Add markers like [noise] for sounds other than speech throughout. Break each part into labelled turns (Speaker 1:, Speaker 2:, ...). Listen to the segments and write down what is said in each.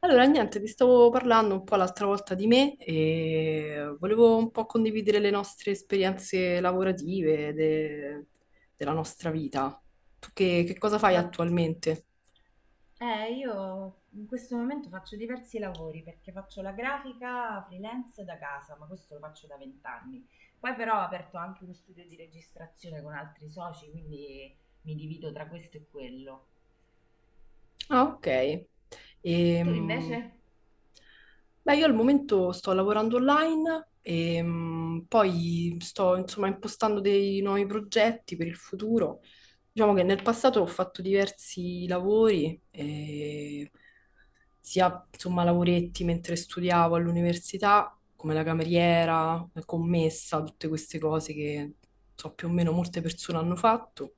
Speaker 1: Allora, niente, vi stavo parlando un po' l'altra volta di me e volevo un po' condividere le nostre esperienze lavorative della nostra vita. Tu che cosa fai
Speaker 2: Ma
Speaker 1: attualmente?
Speaker 2: io in questo momento faccio diversi lavori perché faccio la grafica freelance da casa, ma questo lo faccio da vent'anni. Poi però ho aperto anche uno studio di registrazione con altri soci, quindi mi divido tra questo e quello.
Speaker 1: Ah, ok.
Speaker 2: Tu
Speaker 1: Ehm,
Speaker 2: invece?
Speaker 1: beh, io al momento sto lavorando online e poi sto insomma impostando dei nuovi progetti per il futuro. Diciamo che nel passato ho fatto diversi lavori, sia insomma lavoretti mentre studiavo all'università, come la cameriera, la commessa, tutte queste cose che so più o meno molte persone hanno fatto.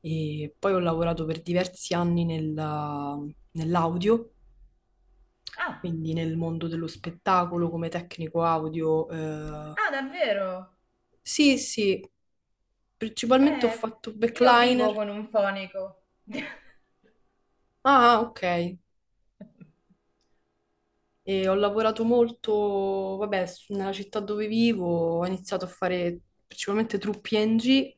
Speaker 1: E poi ho lavorato per diversi anni nell'audio,
Speaker 2: Ah,
Speaker 1: quindi nel mondo dello spettacolo come tecnico audio.
Speaker 2: ah, davvero?
Speaker 1: Sì, sì, principalmente ho
Speaker 2: Eh,
Speaker 1: fatto
Speaker 2: io vivo
Speaker 1: backliner.
Speaker 2: con un fonico. [laughs]
Speaker 1: Ah, ah, ok. E ho lavorato molto, vabbè, nella città dove vivo, ho iniziato a fare principalmente truppi NG,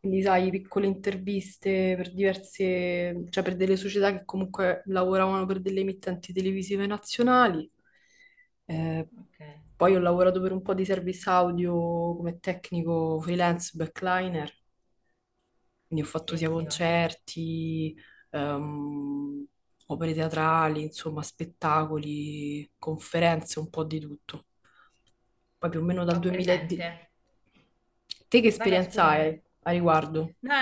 Speaker 1: quindi sai, piccole interviste per diverse, cioè per delle società che comunque lavoravano per delle emittenti televisive nazionali. Eh,
Speaker 2: Ok,
Speaker 1: poi ho lavorato per un po' di service audio come tecnico freelance backliner. Quindi ho fatto
Speaker 2: sì,
Speaker 1: sia
Speaker 2: sì, ho,
Speaker 1: concerti, ehm, opere teatrali, insomma, spettacoli, conferenze, un po' di tutto. Poi più o meno dal
Speaker 2: ho presente.
Speaker 1: 2010. Te che
Speaker 2: Vai, vai,
Speaker 1: esperienza
Speaker 2: scusami.
Speaker 1: hai a riguardo?
Speaker 2: No,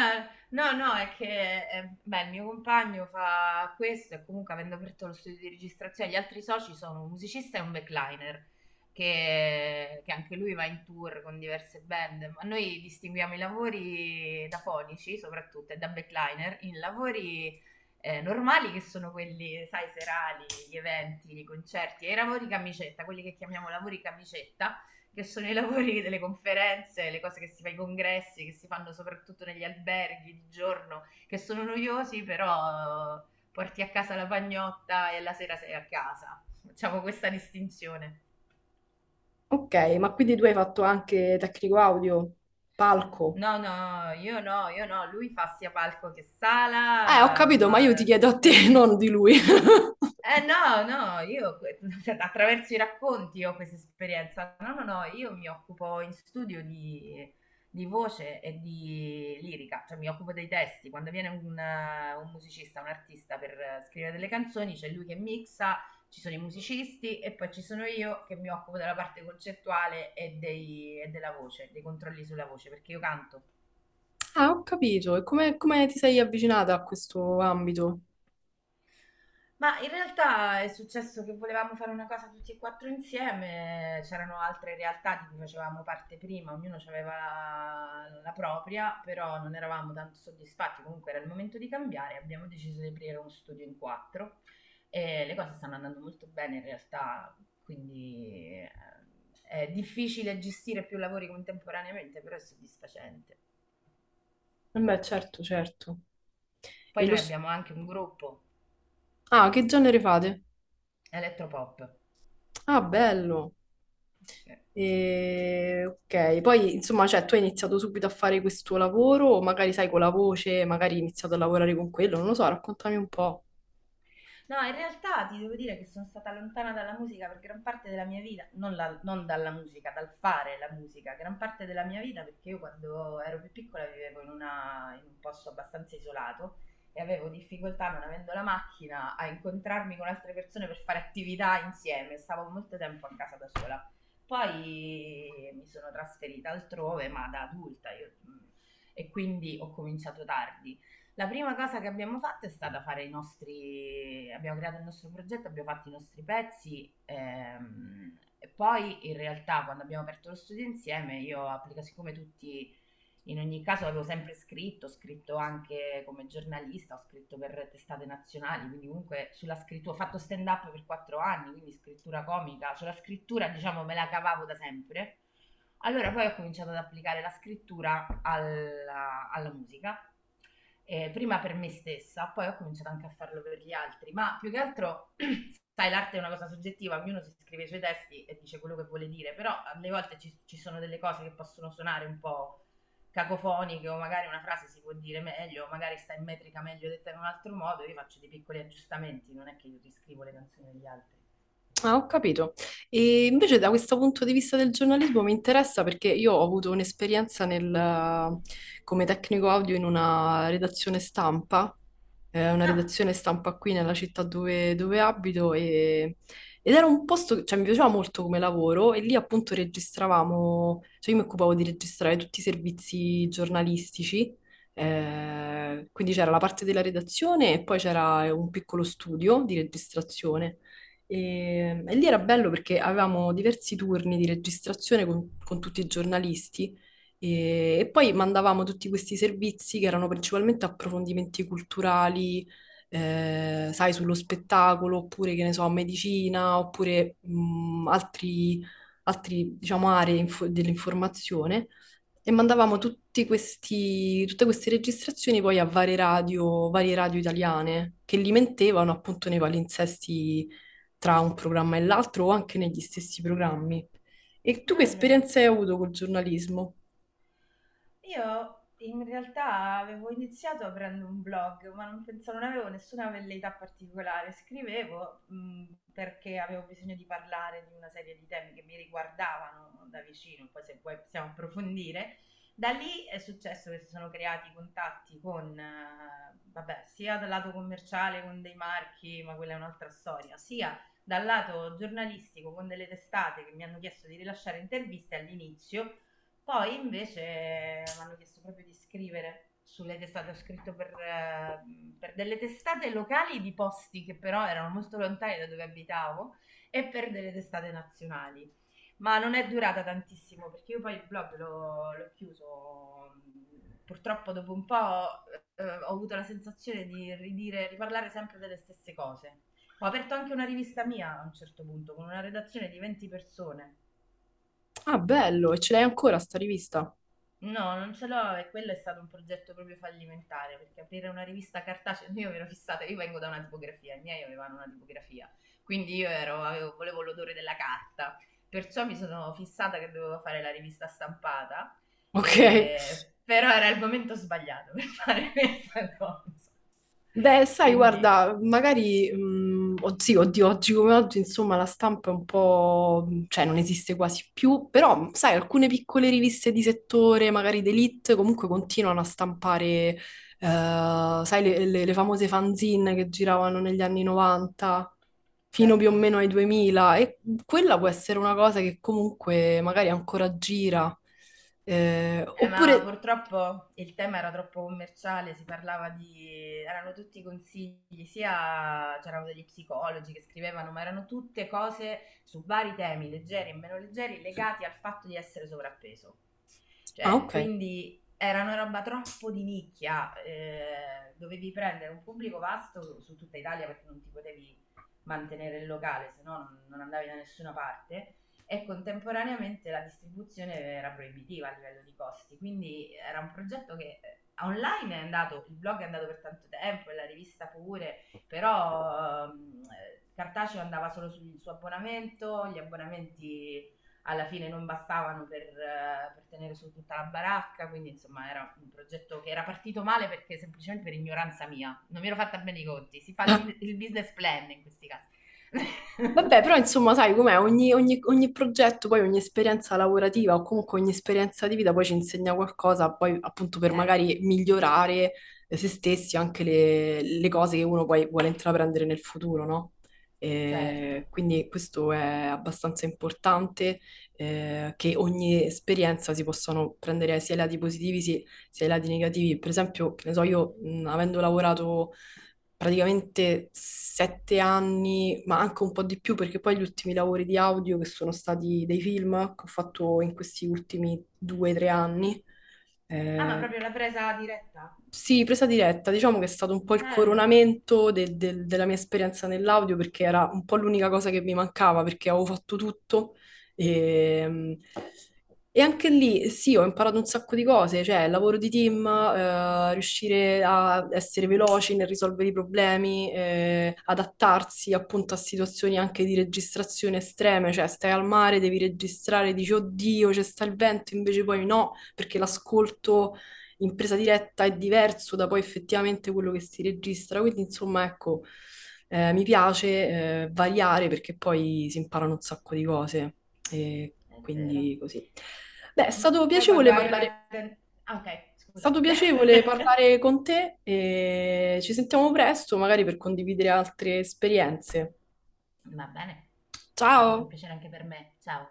Speaker 2: no, no, è che beh, il mio compagno fa questo e comunque avendo aperto lo studio di registrazione, gli altri soci sono un musicista e un backliner, che anche lui va in tour con diverse band, ma noi distinguiamo i lavori da fonici soprattutto e da backliner in lavori normali che sono quelli, sai, serali, gli eventi, i concerti e i lavori camicetta, quelli che chiamiamo lavori camicetta che sono i lavori [laughs] delle conferenze, le cose che si fa ai congressi, che si fanno soprattutto negli alberghi di giorno, che sono noiosi, però porti a casa la pagnotta e la sera sei a casa. Facciamo questa distinzione.
Speaker 1: Ok, ma quindi tu hai fatto anche tecnico audio, palco?
Speaker 2: No, no, io no, lui fa sia palco che
Speaker 1: Ho
Speaker 2: sala,
Speaker 1: capito, ma
Speaker 2: ma
Speaker 1: io ti chiedo a
Speaker 2: sì.
Speaker 1: te, [laughs] non di lui. [laughs]
Speaker 2: Eh no, no, io que [laughs] attraverso i racconti ho questa esperienza. No, no, no, io mi occupo in studio di voce e di lirica, cioè mi occupo dei testi. Quando viene un musicista, un artista per scrivere delle canzoni, c'è lui che mixa, ci sono i musicisti e poi ci sono io che mi occupo della parte concettuale e dei e della voce, dei controlli sulla voce, perché io canto.
Speaker 1: Ah, ho capito. E come, come ti sei avvicinata a questo ambito?
Speaker 2: Ma in realtà è successo che volevamo fare una cosa tutti e 4 insieme, c'erano altre realtà di cui facevamo parte prima, ognuno aveva la propria, però non eravamo tanto soddisfatti, comunque era il momento di cambiare, abbiamo deciso di aprire uno studio in quattro e le cose stanno andando molto bene in realtà, quindi eh, è difficile gestire più lavori contemporaneamente, però è soddisfacente.
Speaker 1: Beh, certo, certo.
Speaker 2: Poi
Speaker 1: E lo...
Speaker 2: noi
Speaker 1: s-
Speaker 2: abbiamo anche un gruppo,
Speaker 1: Ah, che genere fate?
Speaker 2: Elettropop.
Speaker 1: Ah, bello.
Speaker 2: Sì.
Speaker 1: E, ok, poi insomma, cioè, tu hai iniziato subito a fare questo lavoro, o magari sai con la voce, magari hai iniziato a lavorare con quello, non lo so, raccontami un po'.
Speaker 2: No, in realtà ti devo dire che sono stata lontana dalla musica per gran parte della mia vita, non dalla musica, dal fare la musica, gran parte della mia vita perché io quando ero più piccola vivevo in un posto abbastanza isolato e avevo difficoltà, non avendo la macchina, a incontrarmi con altre persone per fare attività insieme, stavo molto tempo a casa da sola. Poi mi sono trasferita altrove, ma da adulta, e quindi ho cominciato tardi. La prima cosa che abbiamo fatto è stata fare i nostri, abbiamo creato il nostro progetto, abbiamo fatto i nostri pezzi e poi in realtà quando abbiamo aperto lo studio insieme io ho applicato, siccome tutti in ogni caso avevo sempre scritto, ho scritto anche come giornalista, ho scritto per testate nazionali, quindi comunque sulla scrittura, ho fatto stand up per quattro anni, quindi scrittura comica, sulla scrittura diciamo me la cavavo da sempre. Allora poi ho cominciato ad applicare la scrittura alla musica prima per me stessa, poi ho cominciato anche a farlo per gli altri, ma più che altro, sai, l'arte è una cosa soggettiva, ognuno si scrive i suoi testi e dice quello che vuole dire, però alle volte ci sono delle cose che possono suonare un po' cacofoniche o magari una frase si può dire meglio, o magari sta in metrica meglio detta in un altro modo, io faccio dei piccoli aggiustamenti, non è che io riscrivo le canzoni degli altri.
Speaker 1: Ah, ho capito. E invece da questo punto di vista del giornalismo mi interessa perché io ho avuto un'esperienza nel, come tecnico audio in una
Speaker 2: Ah,
Speaker 1: redazione stampa qui nella città dove, dove ed era un posto, cioè mi piaceva molto come lavoro e lì appunto registravamo, cioè io mi occupavo di registrare tutti i servizi giornalistici, quindi c'era la parte della redazione e poi c'era un piccolo studio di registrazione. E lì era bello perché avevamo diversi turni di registrazione con tutti i giornalisti e poi mandavamo tutti questi servizi che erano principalmente approfondimenti culturali, sai, sullo spettacolo, oppure che ne so, medicina, oppure altri, altri, diciamo, dell'informazione. E mandavamo
Speaker 2: sì.
Speaker 1: tutti questi, tutte queste registrazioni poi a varie radio italiane che li mentevano appunto nei palinsesti tra un programma e l'altro o anche negli stessi programmi. E tu che
Speaker 2: Bello.
Speaker 1: esperienze hai avuto col giornalismo?
Speaker 2: Io in realtà avevo iniziato aprendo un blog, ma non pensavo, non avevo nessuna velleità particolare. Scrivevo, perché avevo bisogno di parlare di una serie di temi che mi riguardavano da vicino, poi se vuoi possiamo approfondire. Da lì è successo che si sono creati contatti con, vabbè, sia dal lato commerciale con dei marchi, ma quella è un'altra storia, sia dal lato giornalistico con delle testate che mi hanno chiesto di rilasciare interviste all'inizio, poi invece mi hanno chiesto proprio di scrivere sulle testate, ho scritto per delle testate locali di posti che però erano molto lontani da dove abitavo e per delle testate nazionali. Ma non è durata tantissimo perché io poi il blog l'ho chiuso. Purtroppo dopo un po' ho avuto la sensazione di ridire, riparlare sempre delle stesse cose. Ho aperto anche una rivista mia a un certo punto con una redazione di 20 persone.
Speaker 1: Ah, bello, e ce l'hai ancora sta rivista?
Speaker 2: No, non ce l'ho e quello è stato un progetto proprio fallimentare perché aprire una rivista cartacea, [laughs] io mi ero fissata, io vengo da una tipografia, i miei avevano una tipografia, quindi volevo l'odore della carta, perciò mi sono fissata che dovevo fare la rivista stampata,
Speaker 1: Ok.
Speaker 2: però era il momento sbagliato per [laughs] fare questa cosa.
Speaker 1: Beh, sai,
Speaker 2: Quindi,
Speaker 1: guarda, magari, sì, oddio, oggi come oggi, insomma, la stampa è un po', cioè, non esiste quasi più, però, sai, alcune piccole riviste di settore, magari d'elite, comunque continuano a stampare, eh, sai, le famose fanzine che giravano negli anni 90, fino più o
Speaker 2: certo.
Speaker 1: meno ai 2000, e quella può essere una cosa che comunque magari ancora gira.
Speaker 2: Ma
Speaker 1: Oppure...
Speaker 2: purtroppo il tema era troppo commerciale, si parlava di... erano tutti consigli, sia c'erano degli psicologi che scrivevano, ma erano tutte cose su vari temi, leggeri e meno leggeri, legati al fatto di essere sovrappeso.
Speaker 1: Ah,
Speaker 2: Cioè,
Speaker 1: ok.
Speaker 2: quindi era una roba troppo di nicchia, dovevi prendere un pubblico vasto su tutta Italia perché non ti potevi mantenere il locale, se no non andavi da nessuna parte e contemporaneamente la distribuzione era proibitiva a livello di costi, quindi era un progetto che online è andato, il blog è andato per tanto tempo e la rivista pure, però cartaceo andava solo sul suo abbonamento, gli abbonamenti alla fine non bastavano per tenere su tutta la baracca, quindi insomma era un progetto che era partito male perché semplicemente per ignoranza mia, non mi ero fatta bene i conti, si fa
Speaker 1: Ah,
Speaker 2: il business plan in questi casi. [laughs]
Speaker 1: vabbè, però insomma, sai com'è, ogni progetto, poi ogni esperienza lavorativa o comunque ogni esperienza di vita poi ci insegna qualcosa, poi appunto per
Speaker 2: Certo,
Speaker 1: magari migliorare, se stessi anche le cose che uno poi vuole intraprendere nel futuro, no? Eh,
Speaker 2: certo.
Speaker 1: quindi questo è abbastanza importante, che ogni esperienza si possano prendere sia i lati positivi, sia i lati negativi. Per esempio, che ne so, io, avendo lavorato praticamente sette anni, ma anche un po' di più, perché poi gli ultimi lavori di audio che sono stati dei film che ho fatto in questi ultimi due o tre anni.
Speaker 2: Ah, ma
Speaker 1: eh,
Speaker 2: proprio la presa diretta?
Speaker 1: sì, presa diretta, diciamo che è stato un po' il
Speaker 2: Bello,
Speaker 1: coronamento della mia esperienza nell'audio perché era un po' l'unica cosa che mi mancava perché avevo fatto tutto e, e anche lì sì, ho imparato un sacco di cose, cioè il lavoro di team, riuscire a essere veloci nel risolvere i problemi, adattarsi appunto a situazioni anche di registrazione estreme, cioè stai al mare, devi registrare, dici oddio, c'è sta il vento, invece poi no, perché l'ascolto in presa diretta è diverso da poi effettivamente quello che si registra. Quindi, insomma, ecco, mi piace variare perché poi si imparano un sacco di cose. E
Speaker 2: è vero.
Speaker 1: quindi così. Beh, è stato
Speaker 2: Ma poi quando
Speaker 1: piacevole
Speaker 2: hai
Speaker 1: parlare, è
Speaker 2: una... Ah, ok, scusa.
Speaker 1: stato piacevole
Speaker 2: [laughs]
Speaker 1: parlare con te e ci sentiamo presto, magari per condividere altre esperienze.
Speaker 2: Va bene, è stato un
Speaker 1: Ciao!
Speaker 2: piacere anche per me, ciao.